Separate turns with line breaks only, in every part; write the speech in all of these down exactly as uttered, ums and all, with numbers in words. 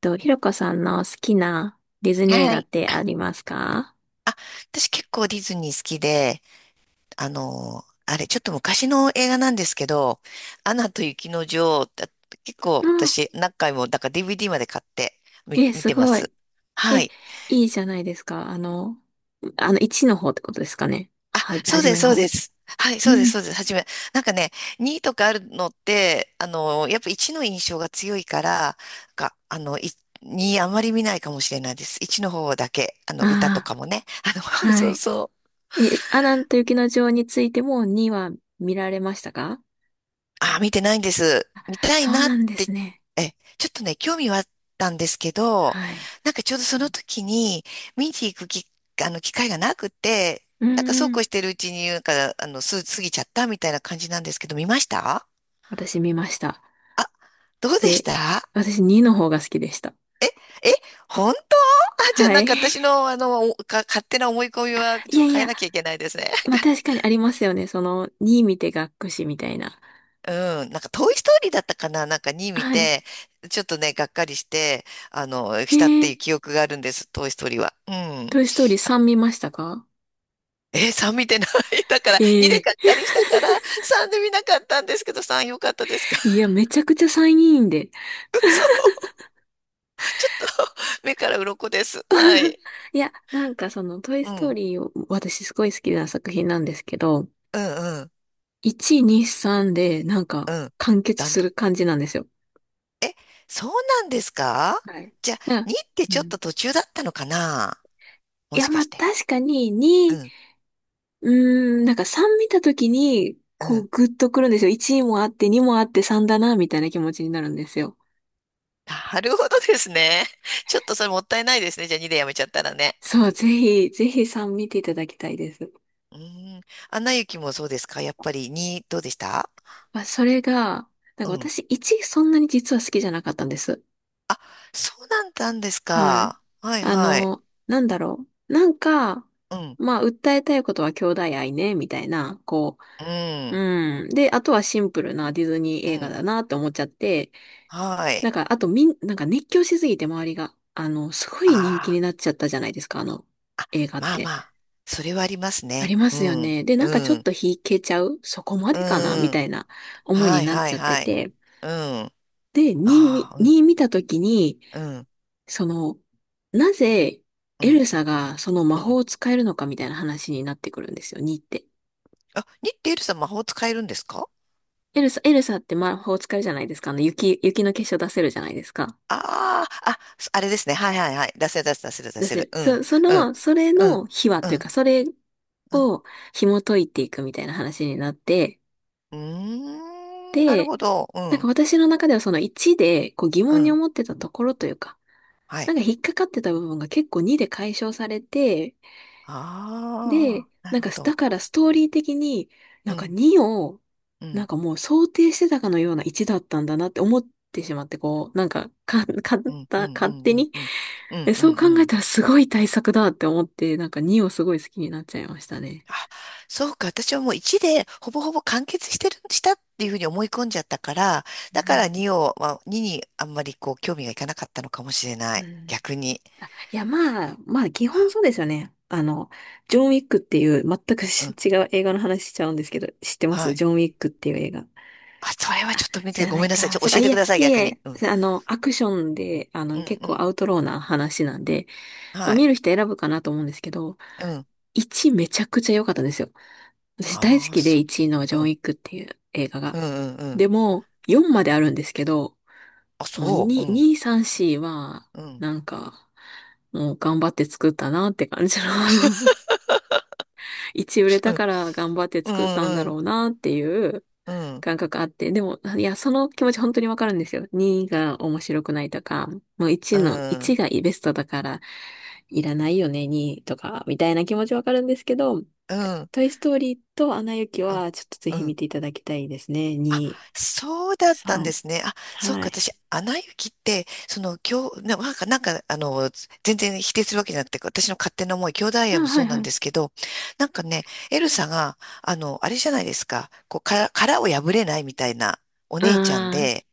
と、ひろこさんの好きなディズニー映
は
画っ
い。
てありますか？
あ、私結構ディズニー好きで、あの、あれ、ちょっと昔の映画なんですけど、アナと雪の女王、だ結構
うん。
私何回も、だから ディーブイディー まで買って見、
え、
見
す
てま
ごい。
す。
え、
はい。
いいじゃないですか。あの、あの、いちの方ってことですかね。は、
そ
は
う
じ
です、
めの
そう
方。
です。はい、そうで
う
す、
ん。
そうです。はじめ。なんかね、にとかあるのって、あの、やっぱいちの印象が強いから、か、あの、いにあまり見ないかもしれないです。いちの方だけ、あの、歌と
ああ、
かもね。あの、
は
そう
い。
そう。
え、アナと雪の女王についてもには見られましたか？
あ、見てないんです。見たい
そう
なっ
なんです
て、
ね。
え、ちょっとね、興味はあったんですけど、
はい。
なんかちょうどその時に、見に行くき、あの、機会がなくて、
う
なん
ん
かそ
う
うこ
ん。
うしてるうちに、なんか、あの、す、過ぎちゃったみたいな感じなんですけど、見ました？
私見ました。
あ、どうでし
で、
た？
私にの方が好きでした。
え、え、本当？あ、じゃあ
は
なん
い。
か私 の、あの、おか、勝手な思い込みは、
い
ちょ
や
っと
い
変え
や、
なきゃいけないですね。
まあ確かにありますよね。そのに見て学くしみたいな。
うん、なんか、トイ・ストーリーだったかな？なんかに見
はい。
て、ちょっとね、がっかりして、あの、
え
したって
ー、
いう記憶があるんです、トイ・ストーリーは。うん。
トイストーリーさん見ましたか？
えー、さん見てない だから、にで
え
がっ
え
かりしたから、さんで見なかったんですけど、さん良かったですか？
ー、いや、めちゃくちゃさんいいんで。
そう。ちょっと、目から鱗です。は い。
いや、なんかそのトイ
う
ストー
ん。
リーを私すごい好きな作品なんですけど、
うん、うん、
いち、に、さんでなんか
うん。
完結
だん
する
だ
感じなんですよ。
ん。え、そうなんですか？
はい。
じゃあ、
な
にって
う
ちょっ
ん。
と途中だったのかな？
い
も
や、
しか
まあ
して。
確かに
う
に、
ん、
うーん、なんかさん見たときに、
う
こう
ん。
グッとくるんですよ。いちもあって、にもあって、さんだな、みたいな気持ちになるんですよ。
なるほどですね。ちょっとそれもったいないですね。じゃあにでやめちゃったらね。
そう、ぜひ、ぜひさん見ていただきたいです。
うん。アナ雪もそうですか？やっぱりに、どうでした？
まあ、それが、なんか
うん。
私、いちそんなに実は好きじゃなかったんです。
そうなんだんです
はい。
か。はい
あ
はい。
の、なんだろう。なんか、
うん。
まあ、訴えたいことは兄弟愛ね、みたいな、こ
う
う、
ん。
うん。で、あとはシンプルなディズニー
う
映画
ん。
だなって思っちゃって、
は
なん
い。
か、あとみん、なんか熱狂しすぎて周りが、あの、すごい人気
あ
に
あ、
なっちゃったじゃないですか、あの、映画っ
まあ
て。
まあ。それはあります
あ
ね。
りま
う
すよ
ん。
ね。で、なん
う
かちょっ
ん。
と引けちゃうそこま
う
でかなみ
ん。
たいな思いに
はい
なっ
は
ち
い
ゃって
はい。
て。
うん。あ
で、に
あ、うん。
に見たときに、
うん。
その、なぜ
う
エ
ん。
ルサがその魔
う
法
ん。
を使えるのかみたいな話になってくるんですよ、にって。
あ、にってエルさん魔法使えるんですか？
エルサ、エルサって魔法を使えるじゃないですか。あの、雪、雪の結晶出せるじゃないですか。
ああ、あ、あれですね。はいはいはい。出せる出せる出せる出
出
せ
せ
る。
る。
う
そ、
ん、
そ
うん、
の、それ
うん、
の秘話
う
という
ん、
か、それ
うん。
を紐解いていくみたいな話になって、
うーん、なる
で、
ほど。う
なんか
ん、
私の中ではそのいちでこう疑
う
問に
ん。
思ってたところというか、
は
なん
い。
か引っかかってた部分が結構にで解消されて、
あ
で、
あ、な
なん
る
か、
ほ
だ
ど。
からストーリー的に、な
う
んか
ん、
にを、
う
なん
ん、
かもう想定してたかのようないちだったんだなって思ってしまって、こう、なんか、か、かっ
うん、う
た
ん、う
勝
ん、
手
うん、
に
うん、う
え
ん、う
そう
ん。
考
う
え
ん
たらすごい対策だって思って、なんかにをすごい好きになっちゃいましたね。
あ、そうか。私はもういちでほぼほぼ完結してる、したっていうふうに思い込んじゃったから、
う
だか
ん
らにを、まあ、ににあんまりこう興味がいかなかったのかもしれな
う
い。
ん。
逆に。
あ、いや、まあ、まあ、基本
あ
そうですよね。あの、ジョン・ウィックっていう、全く
う
し
ん、
違う映画の話しちゃうんですけど、知ってま
は
す？
い。
ジョン・ウィックっていう映画。
あ、それはちょっと見
知
て、
ら
ご
ない
めんなさい。ち
か。
ょ、教
そっか、
え
い
て
や、
くださ
い
い、逆
や
に。
い
うん。
や、あの、アクションで、あ
う
の、
ん、
結
う
構
ん。
アウトローな話なんで、まあ、
はい。
見る人選ぶかなと思うんですけど、
うん。
いちめちゃくちゃ良かったんですよ。私大好
ああ、
きで
そ
いちいのジ
う。
ョン・
う
ウィ
ん。
ックっていう映画が。
うん、うん、うん。
でも、よんまであるんですけど、
あ、
もう
そう。
2、
うん。
2、さん、よんは、
うん。
なんか、もう頑張って作ったなって感じの いち売れ
う
た
ん、
から頑張って
う
作ったんだ
ん、うん。
ろうなっていう
うん。
感覚あって、でも、いや、その気持ち本当にわかるんですよ。にが面白くないとか、もう1
う
の、いち
ん。
がベストだから、いらないよね、にとか、みたいな気持ちわかるんですけど、
うん。
トイストーリーとアナ雪
うん。
は、ちょっとぜ
う
ひ見
ん。
ていただきたいですね。
あ、
に、
そうだったんで
さん、
すね。あ、そう
は
か、
い。
私、アナ雪って、その、今日、ななんか、なんか、あの、全然否定するわけじゃなくて、私の勝手な思い、兄弟
あ、
愛も
は
そ
い
うな
は
ん
い。
ですけど、なんかね、エルサが、あの、あれじゃないですか、こう、殻、殻を破れないみたいなお
あ
姉ちゃん
あ、
で、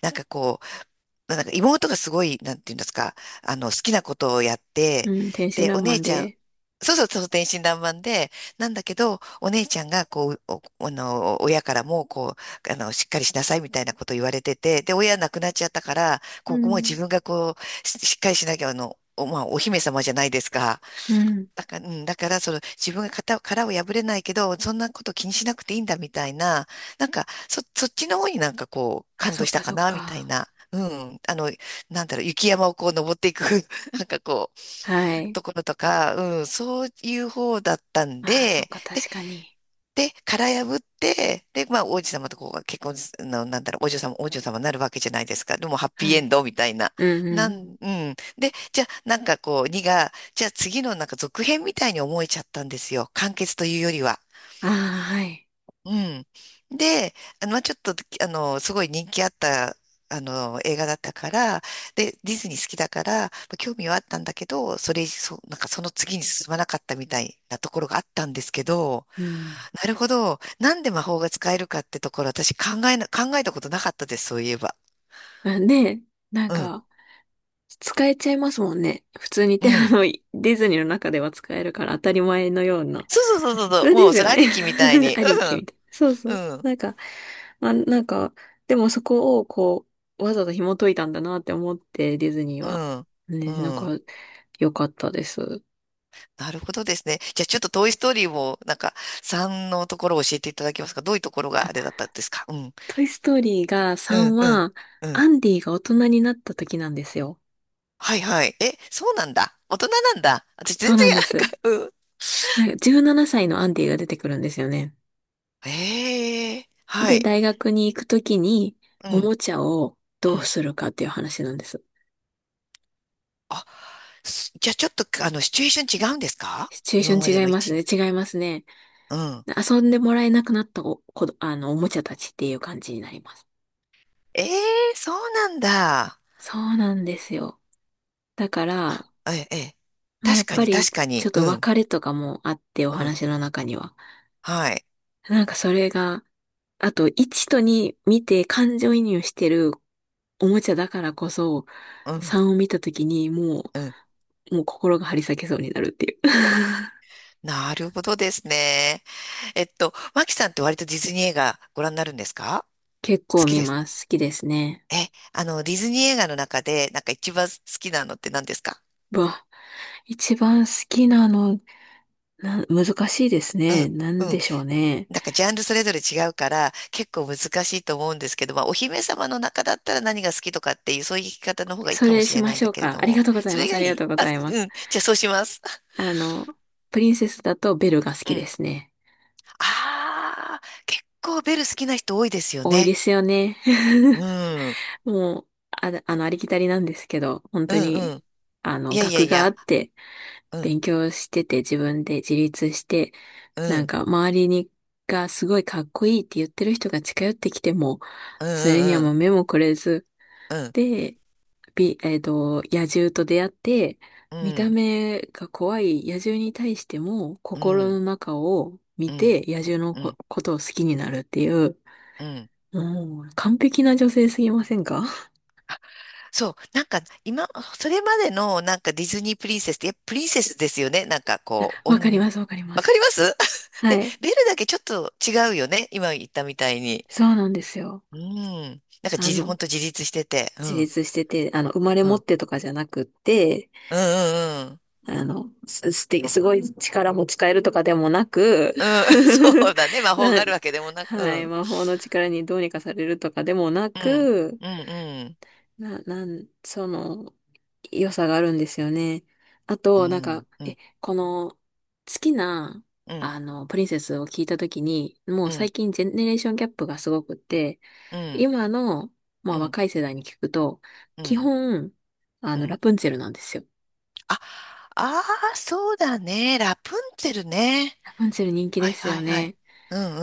なんかこう、なんか妹がすごい、なんていうんですか、あの、好きなことをやって、
うん、天真
で、
爛
お姉
漫
ちゃん、
で。
そうそうそう、天真爛漫で、なんだけど、お姉ちゃんが、こう、お、あの、親からも、こう、あの、しっかりしなさいみたいなこと言われてて、で、親亡くなっちゃったから、
う
ここも自
ん、
分がこう、し、しっかりしなきゃ、あの、お、まあ、お姫様じゃないですか。
うん。
だから、うん、だから、その、自分が型、殻を破れないけど、そんなこと気にしなくていいんだみたいな、なんか、そ、そっちの方になんかこう、
あ、
感
そ
動
っ
した
か
か
そっ
な、みたい
か。
な。うん、あの、なんだろう、雪山をこう登っていく、なんかこ
は
う、
い。
ところとか、うん、そういう方だったん
ああ、そっ
で、
か、
で、
確かに。
で、殻破って、で、まあ、王子様とこう結婚す、の、なんだろう、お嬢様、お嬢様になるわけじゃないですか。でも、ハッピ
は
ーエン
い。
ドみたいな。
うん、
なん、
うん。
うん。で、じゃあ、なんかこう、にが、じゃあ次のなんか続編みたいに思えちゃったんですよ。完結というよりは。
ああ、はい。
うん。で、あの、まあちょっと、あの、すごい人気あった、あの、映画だったから、で、ディズニー好きだから、まあ興味はあったんだけど、それ、そう、なんかその次に進まなかったみたいなところがあったんですけど、
うん。
なるほど。なんで魔法が使えるかってところ、私考えな、考えたことなかったです、そういえば。
あね、なん
うん。
か、使えちゃいますもんね。普通に
う
手あ
ん。
の、ディズニーの中では使えるから当たり前のような。
そうそうそうそうそ
そ
う。
れ
も
で
う、
す
それ
よ
あ
ね。
りきみたい に。
ありきみたいな。そうそ
う
う。
ん。
なんか、まあ、なんか、でもそこをこう、わざと紐解いたんだなって思って、ディズニー
う
は。
ん。う
ね、なん
ん。う
か、
ん。
良かったです。
なるほどですね。じゃあちょっとトイストーリーをなんか、さんのところを教えていただけますか？どういうところ
あ、
があれだったんですか？うん。
トイストーリーが
う
さん
ん、うん、
は、
うん。
アンディが大人になった時なんですよ。
はいはい。え、そうなんだ。大人なんだ。私全
そう
然、
なんです。
なんか、うん。
なんかじゅうななさいのアンディが出てくるんですよね。
ええは
で、
い。
大学に行くときに、
う
お
ん、
もちゃを
う
どう
ん。
するかっていう話なんです。
あ、すじゃあちょっと、あの、シチュエーション違うんですか？
シチュエーシ
今ま
ョ
で
ン違い
の
ます
一、
ね。違いますね。
うん。
遊んでもらえなくなったお、こど、あの、おもちゃたちっていう感じになります。
ええそうなんだ。
そうなんですよ。だから、
え、え、
まあ、や
確
っ
か
ぱ
に
り、
確か
ちょっ
に。
と
うん、
別れとかもあって、お
うん。
話の中には。
はい。
なんかそれが、あと、いちとに見て感情移入してるおもちゃだからこそ、
うん、
さんを見たときにも
うん。
う、もう心が張り裂けそうになるっていう。
なるほどですね。えっと、マキさんって割とディズニー映画ご覧になるんですか？
結
好
構
き
見
ですか？
ます。好きですね。
え、あの、ディズニー映画の中で、なんか一番好きなのって何ですか？
うわ、一番好きなの、な、難しいです
う
ね。なん
ん、うん。
でしょうね。
なんかジャンルそれぞれ違うから、結構難しいと思うんですけど、まあ、お姫様の中だったら何が好きとかっていう、そういう聞き方の方がいい
そ
かも
れ
し
し
れな
ま
いん
し
だ
ょう
けれ
か。
ど
あり
も。
がとうござい
そ
ま
れ
す。
が
あ
い
りがと
い？
うご
あ、
ざいま
う
す。
ん。じゃあそうします。
あの、プリンセスだとベルが好 き
う
で
ん。
すね。
ああ、結構ベル好きな人多いですよ
多いで
ね。
すよね。
う ん。うん
もう、あ、あの、ありきたりなんですけど、本
う
当に、
ん。
あ
い
の、
やいや
学
い
があ
や。
って、
うん。
勉強してて、自分で自立して、
う
なん
ん。
か、周りに、がすごいかっこいいって言ってる人が近寄ってきても、
うん
それには
う
もう
ん
目もくれず、
うん。うん。
で、び、えっと、野獣と出会って、
う
見た
ん。
目が怖い野獣に対しても
う
心の
ん、
中を見
うん、
て野獣の
う
こ、
ん、
ことを好きになるっていう、
うん。
もう完璧な女性すぎませんか？
そう、なんか今、それまでのなんかディズニープリンセスって、やっぱプリンセスですよね。なんかこう、お
わかり
ん、
ます、わかりま
わか
す。
ります？ で、
はい。
ベルだけちょっと違うよね。今言ったみたいに。
そうなんですよ。
うん。なんか自
あ
立、ほん
の、
と自立してて。う
自
ん、
立してて、あの、生まれ
うん、
持
う
っ
ん、
てとかじゃなくって、
うん、うん。
あの、す、すて、すごい力も使えるとかでもなく、
うん、そうだね。魔法が
な、
あるわけでもなく。う
はい、
ん、
魔法の力にどうにかされるとかでもな
うん、
く、
うんうん、
な、なん、その、良さがあるんですよね。あ
う
と、なんか、
ん、う
え、
ん、
この、好きな、
うん、
あの、プリンセスを聞いたときに、も
う
う
ん、う
最
ん、
近ジェネレーションギャップがすごくって、
うん、
今の、まあ若い世代に聞くと、
う
基
ん、
本、あ
う
の、ラ
ん。
プンツェルなんですよ。
あ、ああ、そうだね。ラプンツェルね。
ラプンツェル人気
は
で
い
す
は
よ
いはい。
ね。
うんう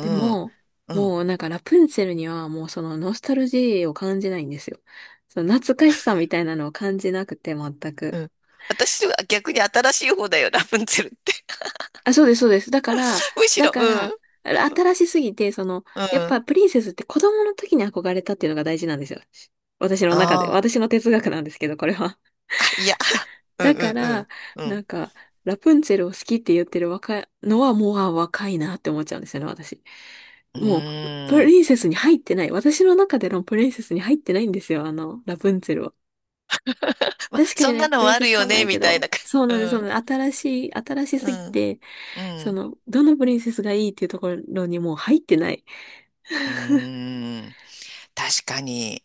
で
んうんうん
も、
うん。うん
もうなんかラプンツェルにはもうそのノスタルジーを感じないんですよ。その懐かしさみたいなのを感じなくて全
う
く。
ん。私は逆に新しい方だよ、ラプンツェルって。
あ、そうです、そうです。だから、
むし
だ
ろ、
か
うん。う
ら、
ん。
新しすぎて、その、
う
やっぱ
ん。
プリンセスって子供の時に憧れたっていうのが大事なんですよ。私の中で。
ああ、
私の哲学なんですけど、これは。
あ、いや、うん
だ
う
か
んうん。
ら、
う
な
ん。
んか、ラプンツェルを好きって言ってる若いのはもう、あ、若いなって思っちゃうんですよね、私。
う
もう、プ
ー
リン
ん。
セスに入ってない。私の中でのプリンセスに入ってないんですよ、あの、ラプンツェルは。
まあ、
確か
そ
に
ん
ね、
なの
プ
も
リン
あ
セス
る
か
よ
え
ね、
やけ
みたい
ど、
な。
そう
う
なんです、そうな
ん。
んです。新しい、新し
う
すぎ
ん。
て、
う
そ
ん。
の、どのプリンセスがいいっていうところにもう入ってない。
うーん。確かに。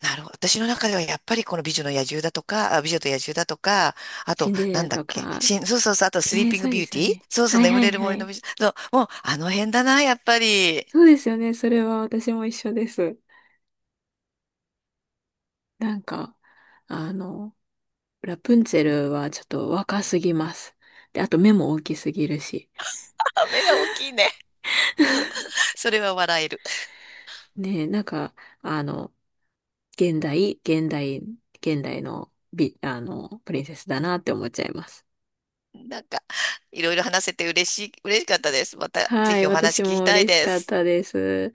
なるほど。私の中ではやっぱりこの美女の野獣だとか、あ、美女と野獣だとか、あ
シ
と、
ンデレ
なん
ラ
だっ
と
け、
か、
しん、そうそうそう、あとスリー
ねえ、
ピング
そう
ビ
で
ュー
す
テ
よ
ィー
ね。
そうそう、
はい
眠
は
れ
い
る
は
森の
い。
美女。そう、もうあの辺だな、やっぱり。
そうですよね、それは私も一緒です。なんか、あの、ラプンツェルはちょっと若すぎます。で、あと目も大きすぎるし。
あ、目が大きいね。それは笑える。
ねえ、なんか、あの、現代、現代、現代の美、あの、プリンセスだなって思っちゃいます。
なんか、いろいろ話せて嬉しい、嬉しかったです。また、ぜ
は
ひ
い、
お話
私
聞き
も
たい
嬉し
で
かっ
す。
たです。